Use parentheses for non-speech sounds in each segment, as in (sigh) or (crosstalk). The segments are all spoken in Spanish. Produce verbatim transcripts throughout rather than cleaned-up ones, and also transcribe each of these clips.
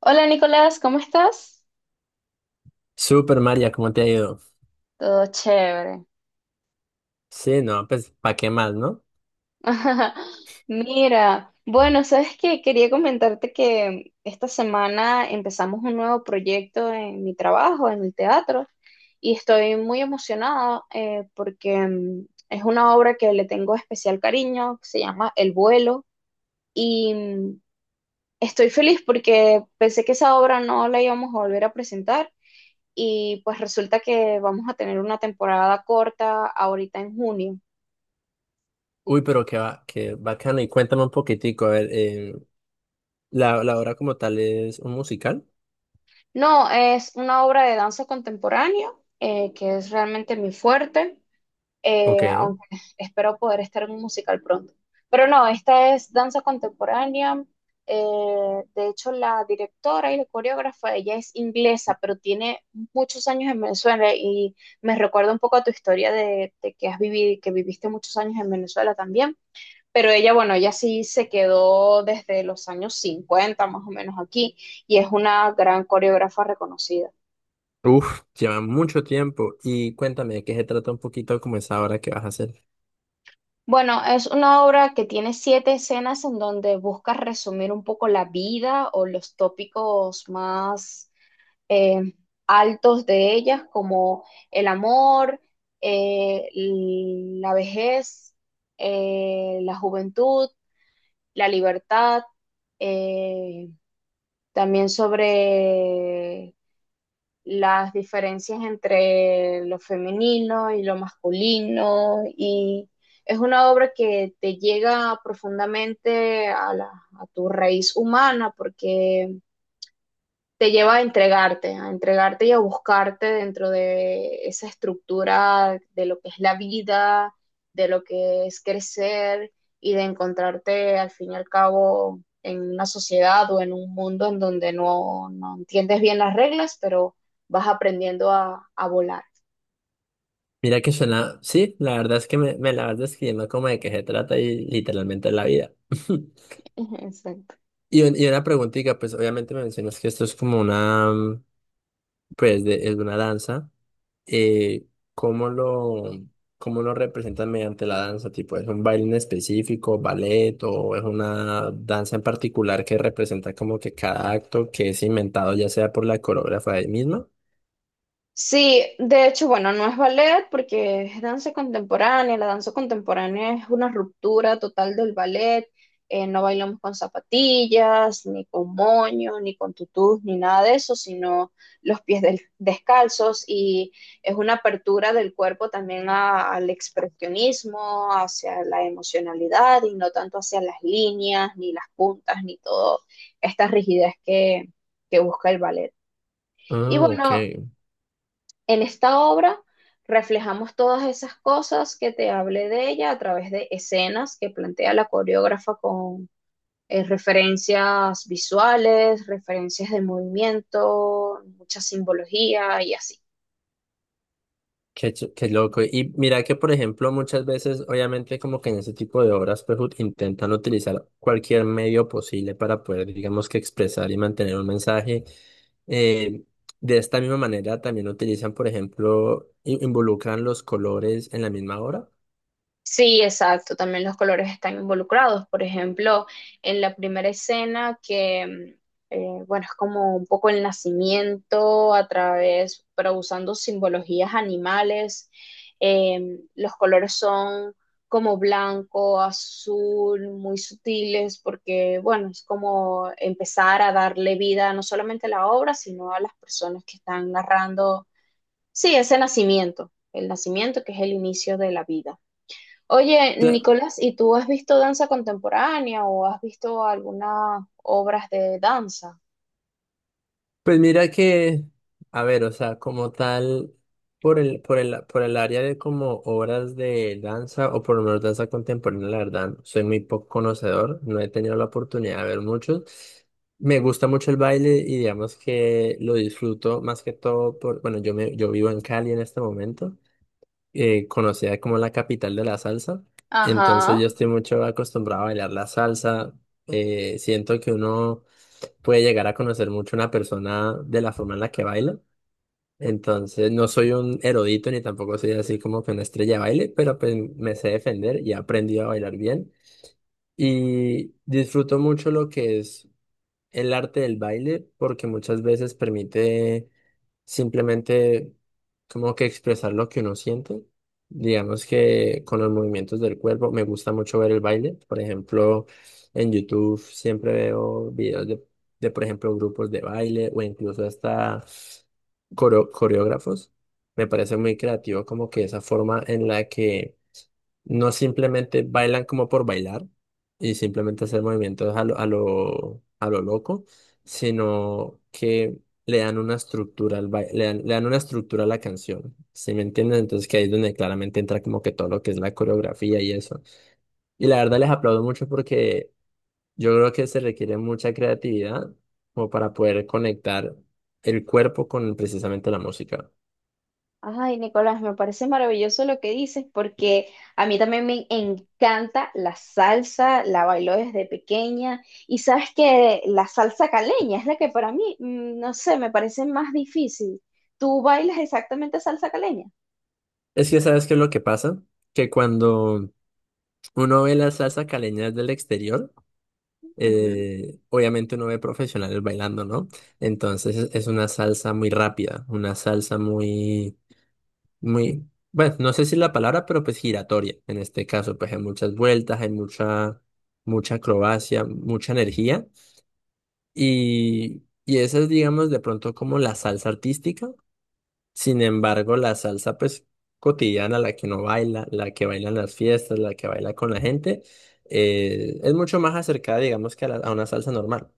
Hola Nicolás, ¿cómo estás? Super María, ¿cómo te ha ido? Todo chévere. Sí, no, pues, ¿para qué más, no? (laughs) Mira, bueno, sabes que quería comentarte que esta semana empezamos un nuevo proyecto en mi trabajo, en el teatro, y estoy muy emocionada eh, porque mm, es una obra que le tengo especial cariño, que se llama El vuelo, y mm, estoy feliz porque pensé que esa obra no la íbamos a volver a presentar, y pues resulta que vamos a tener una temporada corta ahorita en junio. Uy, pero qué, va, qué bacano. Y cuéntame un poquitico, a ver, eh, ¿la, la obra como tal, ¿es un musical? No, es una obra de danza contemporánea, eh, que es realmente mi fuerte, Ok. eh, aunque espero poder estar en un musical pronto. Pero no, esta es danza contemporánea. eh, de hecho, la directora y la coreógrafa, ella es inglesa, pero tiene muchos años en Venezuela y me recuerda un poco a tu historia de, de que has vivido, que viviste muchos años en Venezuela también, pero ella, bueno, ella sí se quedó desde los años cincuenta más o menos aquí y es una gran coreógrafa reconocida. Uf, lleva mucho tiempo. Y cuéntame de qué se trata un poquito como esa obra que vas a hacer. Bueno, es una obra que tiene siete escenas en donde busca resumir un poco la vida o los tópicos más eh, altos de ellas, como el amor, eh, la vejez, eh, la juventud, la libertad, eh, también sobre las diferencias entre lo femenino y lo masculino, y es una obra que te llega profundamente a, la, a tu raíz humana, porque te lleva a entregarte, a entregarte y a buscarte dentro de esa estructura de lo que es la vida, de lo que es crecer y de encontrarte al fin y al cabo en una sociedad o en un mundo en donde no, no entiendes bien las reglas, pero vas aprendiendo a, a volar. Mira que suena, sí, la verdad es que me, me la vas describiendo como de qué se trata y literalmente la vida. (laughs) (laughs) Exacto. Y, un- y una preguntita, pues obviamente me mencionas que esto es como una, mm, pues, de, es una danza. eh, ¿cómo lo, cómo lo representan mediante la danza? Tipo, ¿es un baile en específico, ballet, o es una danza en particular que representa como que cada acto que es inventado, ya sea por la coreógrafa de misma? Sí, de hecho, bueno, no es ballet porque es danza contemporánea. La danza contemporánea es una ruptura total del ballet. Eh, no bailamos con zapatillas, ni con moño, ni con tutús, ni nada de eso, sino los pies del- descalzos, y es una apertura del cuerpo también a- al expresionismo, hacia la emocionalidad y no tanto hacia las líneas, ni las puntas, ni toda esta rigidez que que busca el ballet. Y Ah, ok. bueno, en esta obra reflejamos todas esas cosas que te hablé de ella a través de escenas que plantea la coreógrafa con eh, referencias visuales, referencias de movimiento, mucha simbología y así. Qué, ch- qué loco. Y mira que, por ejemplo, muchas veces, obviamente, como que en ese tipo de obras, pues ut- intentan utilizar cualquier medio posible para poder, digamos, que expresar y mantener un mensaje. Eh, de esta misma manera, también utilizan, por ejemplo, i- involucran los colores en la misma obra. Sí, exacto, también los colores están involucrados. Por ejemplo, en la primera escena que, mm, eh, bueno, es como un poco el nacimiento a través, pero usando simbologías animales, eh, los colores son como blanco, azul, muy sutiles, porque, bueno, es como empezar a darle vida no solamente a la obra, sino a las personas que están narrando, sí, ese nacimiento, el nacimiento que es el inicio de la vida. Oye, Nicolás, ¿y tú has visto danza contemporánea o has visto algunas obras de danza? Pues mira que, a ver, o sea, como tal, por el, por el, por el área de como obras de danza, o por lo menos danza contemporánea, la verdad, soy muy poco conocedor, no he tenido la oportunidad de ver muchos. Me gusta mucho el baile y digamos que lo disfruto más que todo por, bueno, yo me, yo vivo en Cali en este momento, eh, conocida como la capital de la salsa, entonces yo Ajá. estoy mucho acostumbrado a bailar la salsa. Eh, siento que uno puede llegar a conocer mucho una persona de la forma en la que baila. Entonces, no soy un erudito ni tampoco soy así como que una estrella de baile, pero pues me sé defender y he aprendido a bailar bien. Y disfruto mucho lo que es el arte del baile porque muchas veces permite simplemente como que expresar lo que uno siente. Digamos que con los movimientos del cuerpo me gusta mucho ver el baile. Por ejemplo, en YouTube siempre veo videos de, de, por ejemplo, grupos de baile o incluso hasta coreo- coreógrafos. Me parece muy creativo como que esa forma en la que no simplemente bailan como por bailar y simplemente hacer movimientos a lo, a lo, a lo loco, sino que le dan una estructura al bai- le dan, le dan una estructura a la canción. ¿Sí me entiendes? Entonces que ahí es donde claramente entra como que todo lo que es la coreografía y eso. Y la verdad les aplaudo mucho porque yo creo que se requiere mucha creatividad como para poder conectar el cuerpo con precisamente la música. Ay, Nicolás, me parece maravilloso lo que dices porque a mí también me encanta la salsa, la bailo desde pequeña y sabes que la salsa caleña es la que para mí, mm, no sé, me parece más difícil. ¿Tú bailas exactamente salsa caleña? Es que ¿sabes qué es lo que pasa? Que cuando uno ve la salsa caleña desde el exterior, Ujú. eh, obviamente uno ve profesionales bailando, ¿no? Entonces es es una salsa muy rápida, una salsa muy, muy, bueno, no sé si la palabra, pero pues giratoria. En este caso, pues hay muchas vueltas, hay mucha, mucha acrobacia, mucha energía. Y, y esa es, digamos, de pronto como la salsa artística. Sin embargo, la salsa, pues, cotidiana, la que no baila, la que baila en las fiestas, la que baila con la gente, eh, es mucho más acercada, digamos, que a la- a una salsa normal.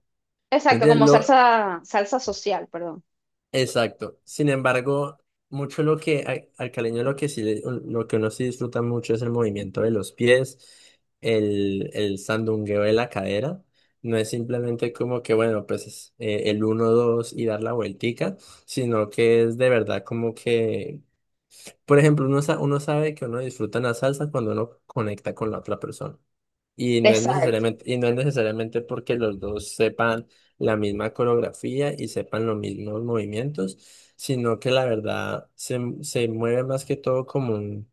¿Me Exacto, entiendes? como Lo, salsa, salsa social, perdón. exacto. Sin embargo, mucho lo que al, al caleño lo que sí le- lo que uno sí disfruta mucho es el movimiento de los pies, el, el sandungueo de la cadera. No es simplemente como que, bueno, pues es, eh, el uno dos y dar la vueltica, sino que es de verdad como que, por ejemplo, uno, sa- uno sabe que uno disfruta la salsa cuando uno conecta con la otra persona. Y no es Exacto. necesariamente, y no es necesariamente porque los dos sepan la misma coreografía y sepan los mismos movimientos, sino que la verdad se, se mueve más que todo como un...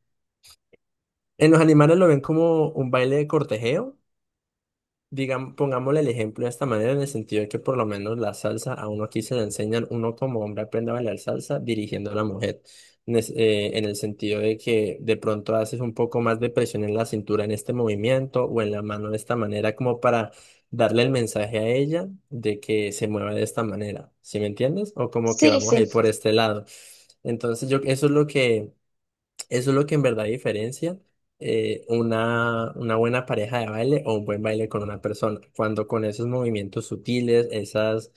En los animales lo ven como un baile de cortejeo. Digamos, pongámosle el ejemplo de esta manera, en el sentido de que por lo menos la salsa a uno aquí se le enseñan, uno como hombre aprende a bailar salsa dirigiendo a la mujer, en, eh, en el sentido de que de pronto haces un poco más de presión en la cintura en este movimiento o en la mano de esta manera, como para darle el mensaje a ella de que se mueva de esta manera, ¿sí me entiendes? O como que Sí, vamos a sí. ir por este lado. Entonces yo, eso es lo que... Eso es lo que en verdad diferencia eh, una, una buena pareja de baile o un buen baile con una persona. Cuando con esos movimientos sutiles, esas,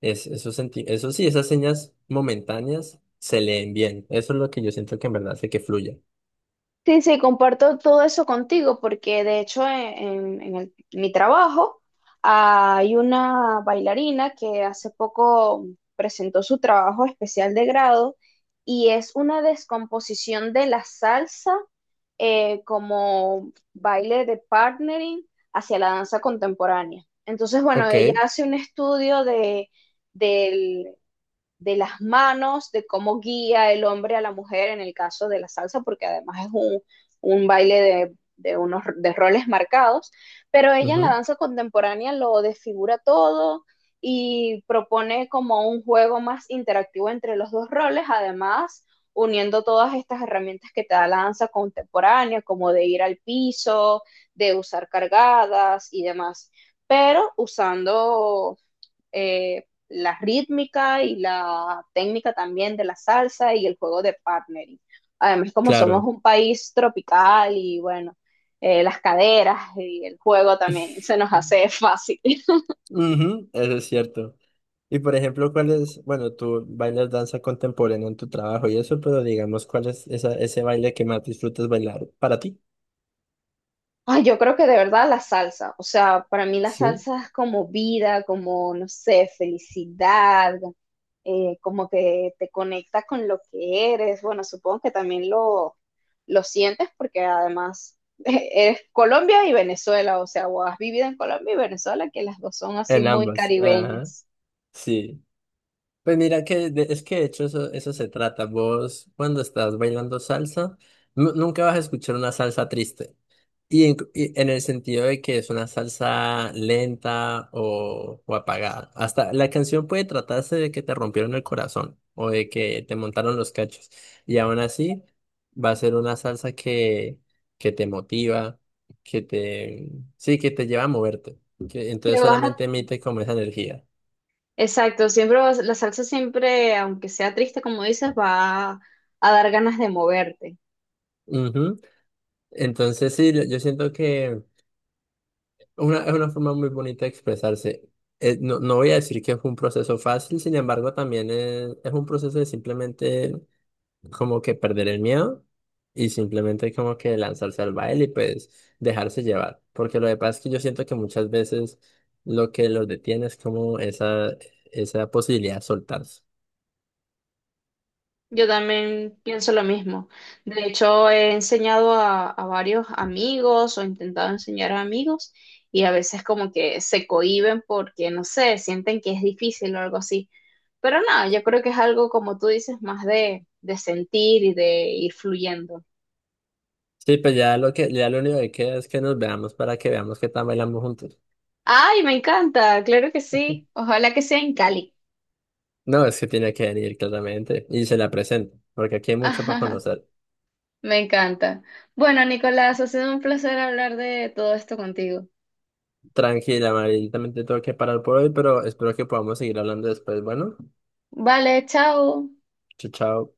es- esos, senti- eso sí, esas señas momentáneas se leen bien. Eso es lo que yo siento que en verdad hace que fluya. Sí, sí, comparto todo eso contigo porque de hecho en, en- en el- mi trabajo hay una bailarina que hace poco presentó su trabajo especial de grado, y es una descomposición de la salsa eh, como baile de partnering hacia la danza contemporánea. Entonces, bueno, Ok, ella hace un estudio de, de las manos, de cómo guía el hombre a la mujer en el caso de la salsa, porque además es un, un baile de, de, unos de roles marcados, pero ella en la ujú, danza contemporánea lo desfigura todo y propone como un juego más interactivo entre los dos roles, además uniendo todas estas herramientas que te da la danza contemporánea, como de ir al piso, de usar cargadas y demás, pero usando eh, la rítmica y la técnica también de la salsa y el juego de partnering. Además, como somos claro. un país tropical y bueno, eh, las caderas y el juego también se nos hace fácil. (laughs) Ujú, eso es cierto. Y por ejemplo, ¿cuál es, bueno, tú bailas danza contemporánea en tu trabajo y eso, pero digamos, ¿cuál es esa, ese baile que más disfrutas bailar para ti? Ay, yo creo que de verdad la salsa, o sea, para mí la Sí. salsa es como vida, como, no sé, felicidad, eh, como que te conecta con lo que eres. Bueno, supongo que también lo, lo sientes porque además (laughs) eres Colombia y Venezuela, o sea, o has vivido en Colombia y Venezuela, que las dos son así En muy ambas, ajá, caribeñas. sí. Pues mira que de- es que de hecho eso, eso se trata. Vos cuando estás bailando salsa, nu- nunca vas a escuchar una salsa triste. Y en, y en el sentido de que es una salsa lenta o, o apagada. Hasta la canción puede tratarse de que te rompieron el corazón o de que te montaron los cachos. Y aún así va a ser una salsa que, que te motiva, que te, sí, que te lleva a moverte, que Le entonces vas a- solamente emite como esa energía. Exacto, siempre vas- la salsa siempre, aunque sea triste como dices, va a dar ganas de moverte. Ujú. Entonces, sí, yo yo siento que una, es una forma muy bonita de expresarse. Eh, no, no voy a decir que fue un proceso fácil, sin embargo, también es, es un proceso de simplemente como que perder el miedo y simplemente como que lanzarse al baile y pues dejarse llevar. Porque lo que pasa es que yo siento que muchas veces lo que los detiene es como esa, esa posibilidad de soltarse. Yo también pienso lo mismo. De hecho, he enseñado a, a varios amigos o intentado enseñar a amigos, y a veces como que se cohíben porque, no sé, sienten que es difícil o algo así. Pero no, yo creo que es algo, como tú dices, más de, de sentir y de ir fluyendo. Sí, pues ya lo que, ya lo único que queda es que nos veamos para que veamos qué tan bailamos juntos. Ay, me encanta, claro que sí. (laughs) Ojalá que sea en Cali. No, es que tiene que venir claramente y se la presento, porque aquí hay mucho para conocer. (laughs) me encanta. Bueno, Nicolás, ha sido un placer hablar de todo esto contigo. Tranquila, Mari, yo también te tengo que parar por hoy, pero espero que podamos seguir hablando después. Bueno, Vale, chao. chao, chao.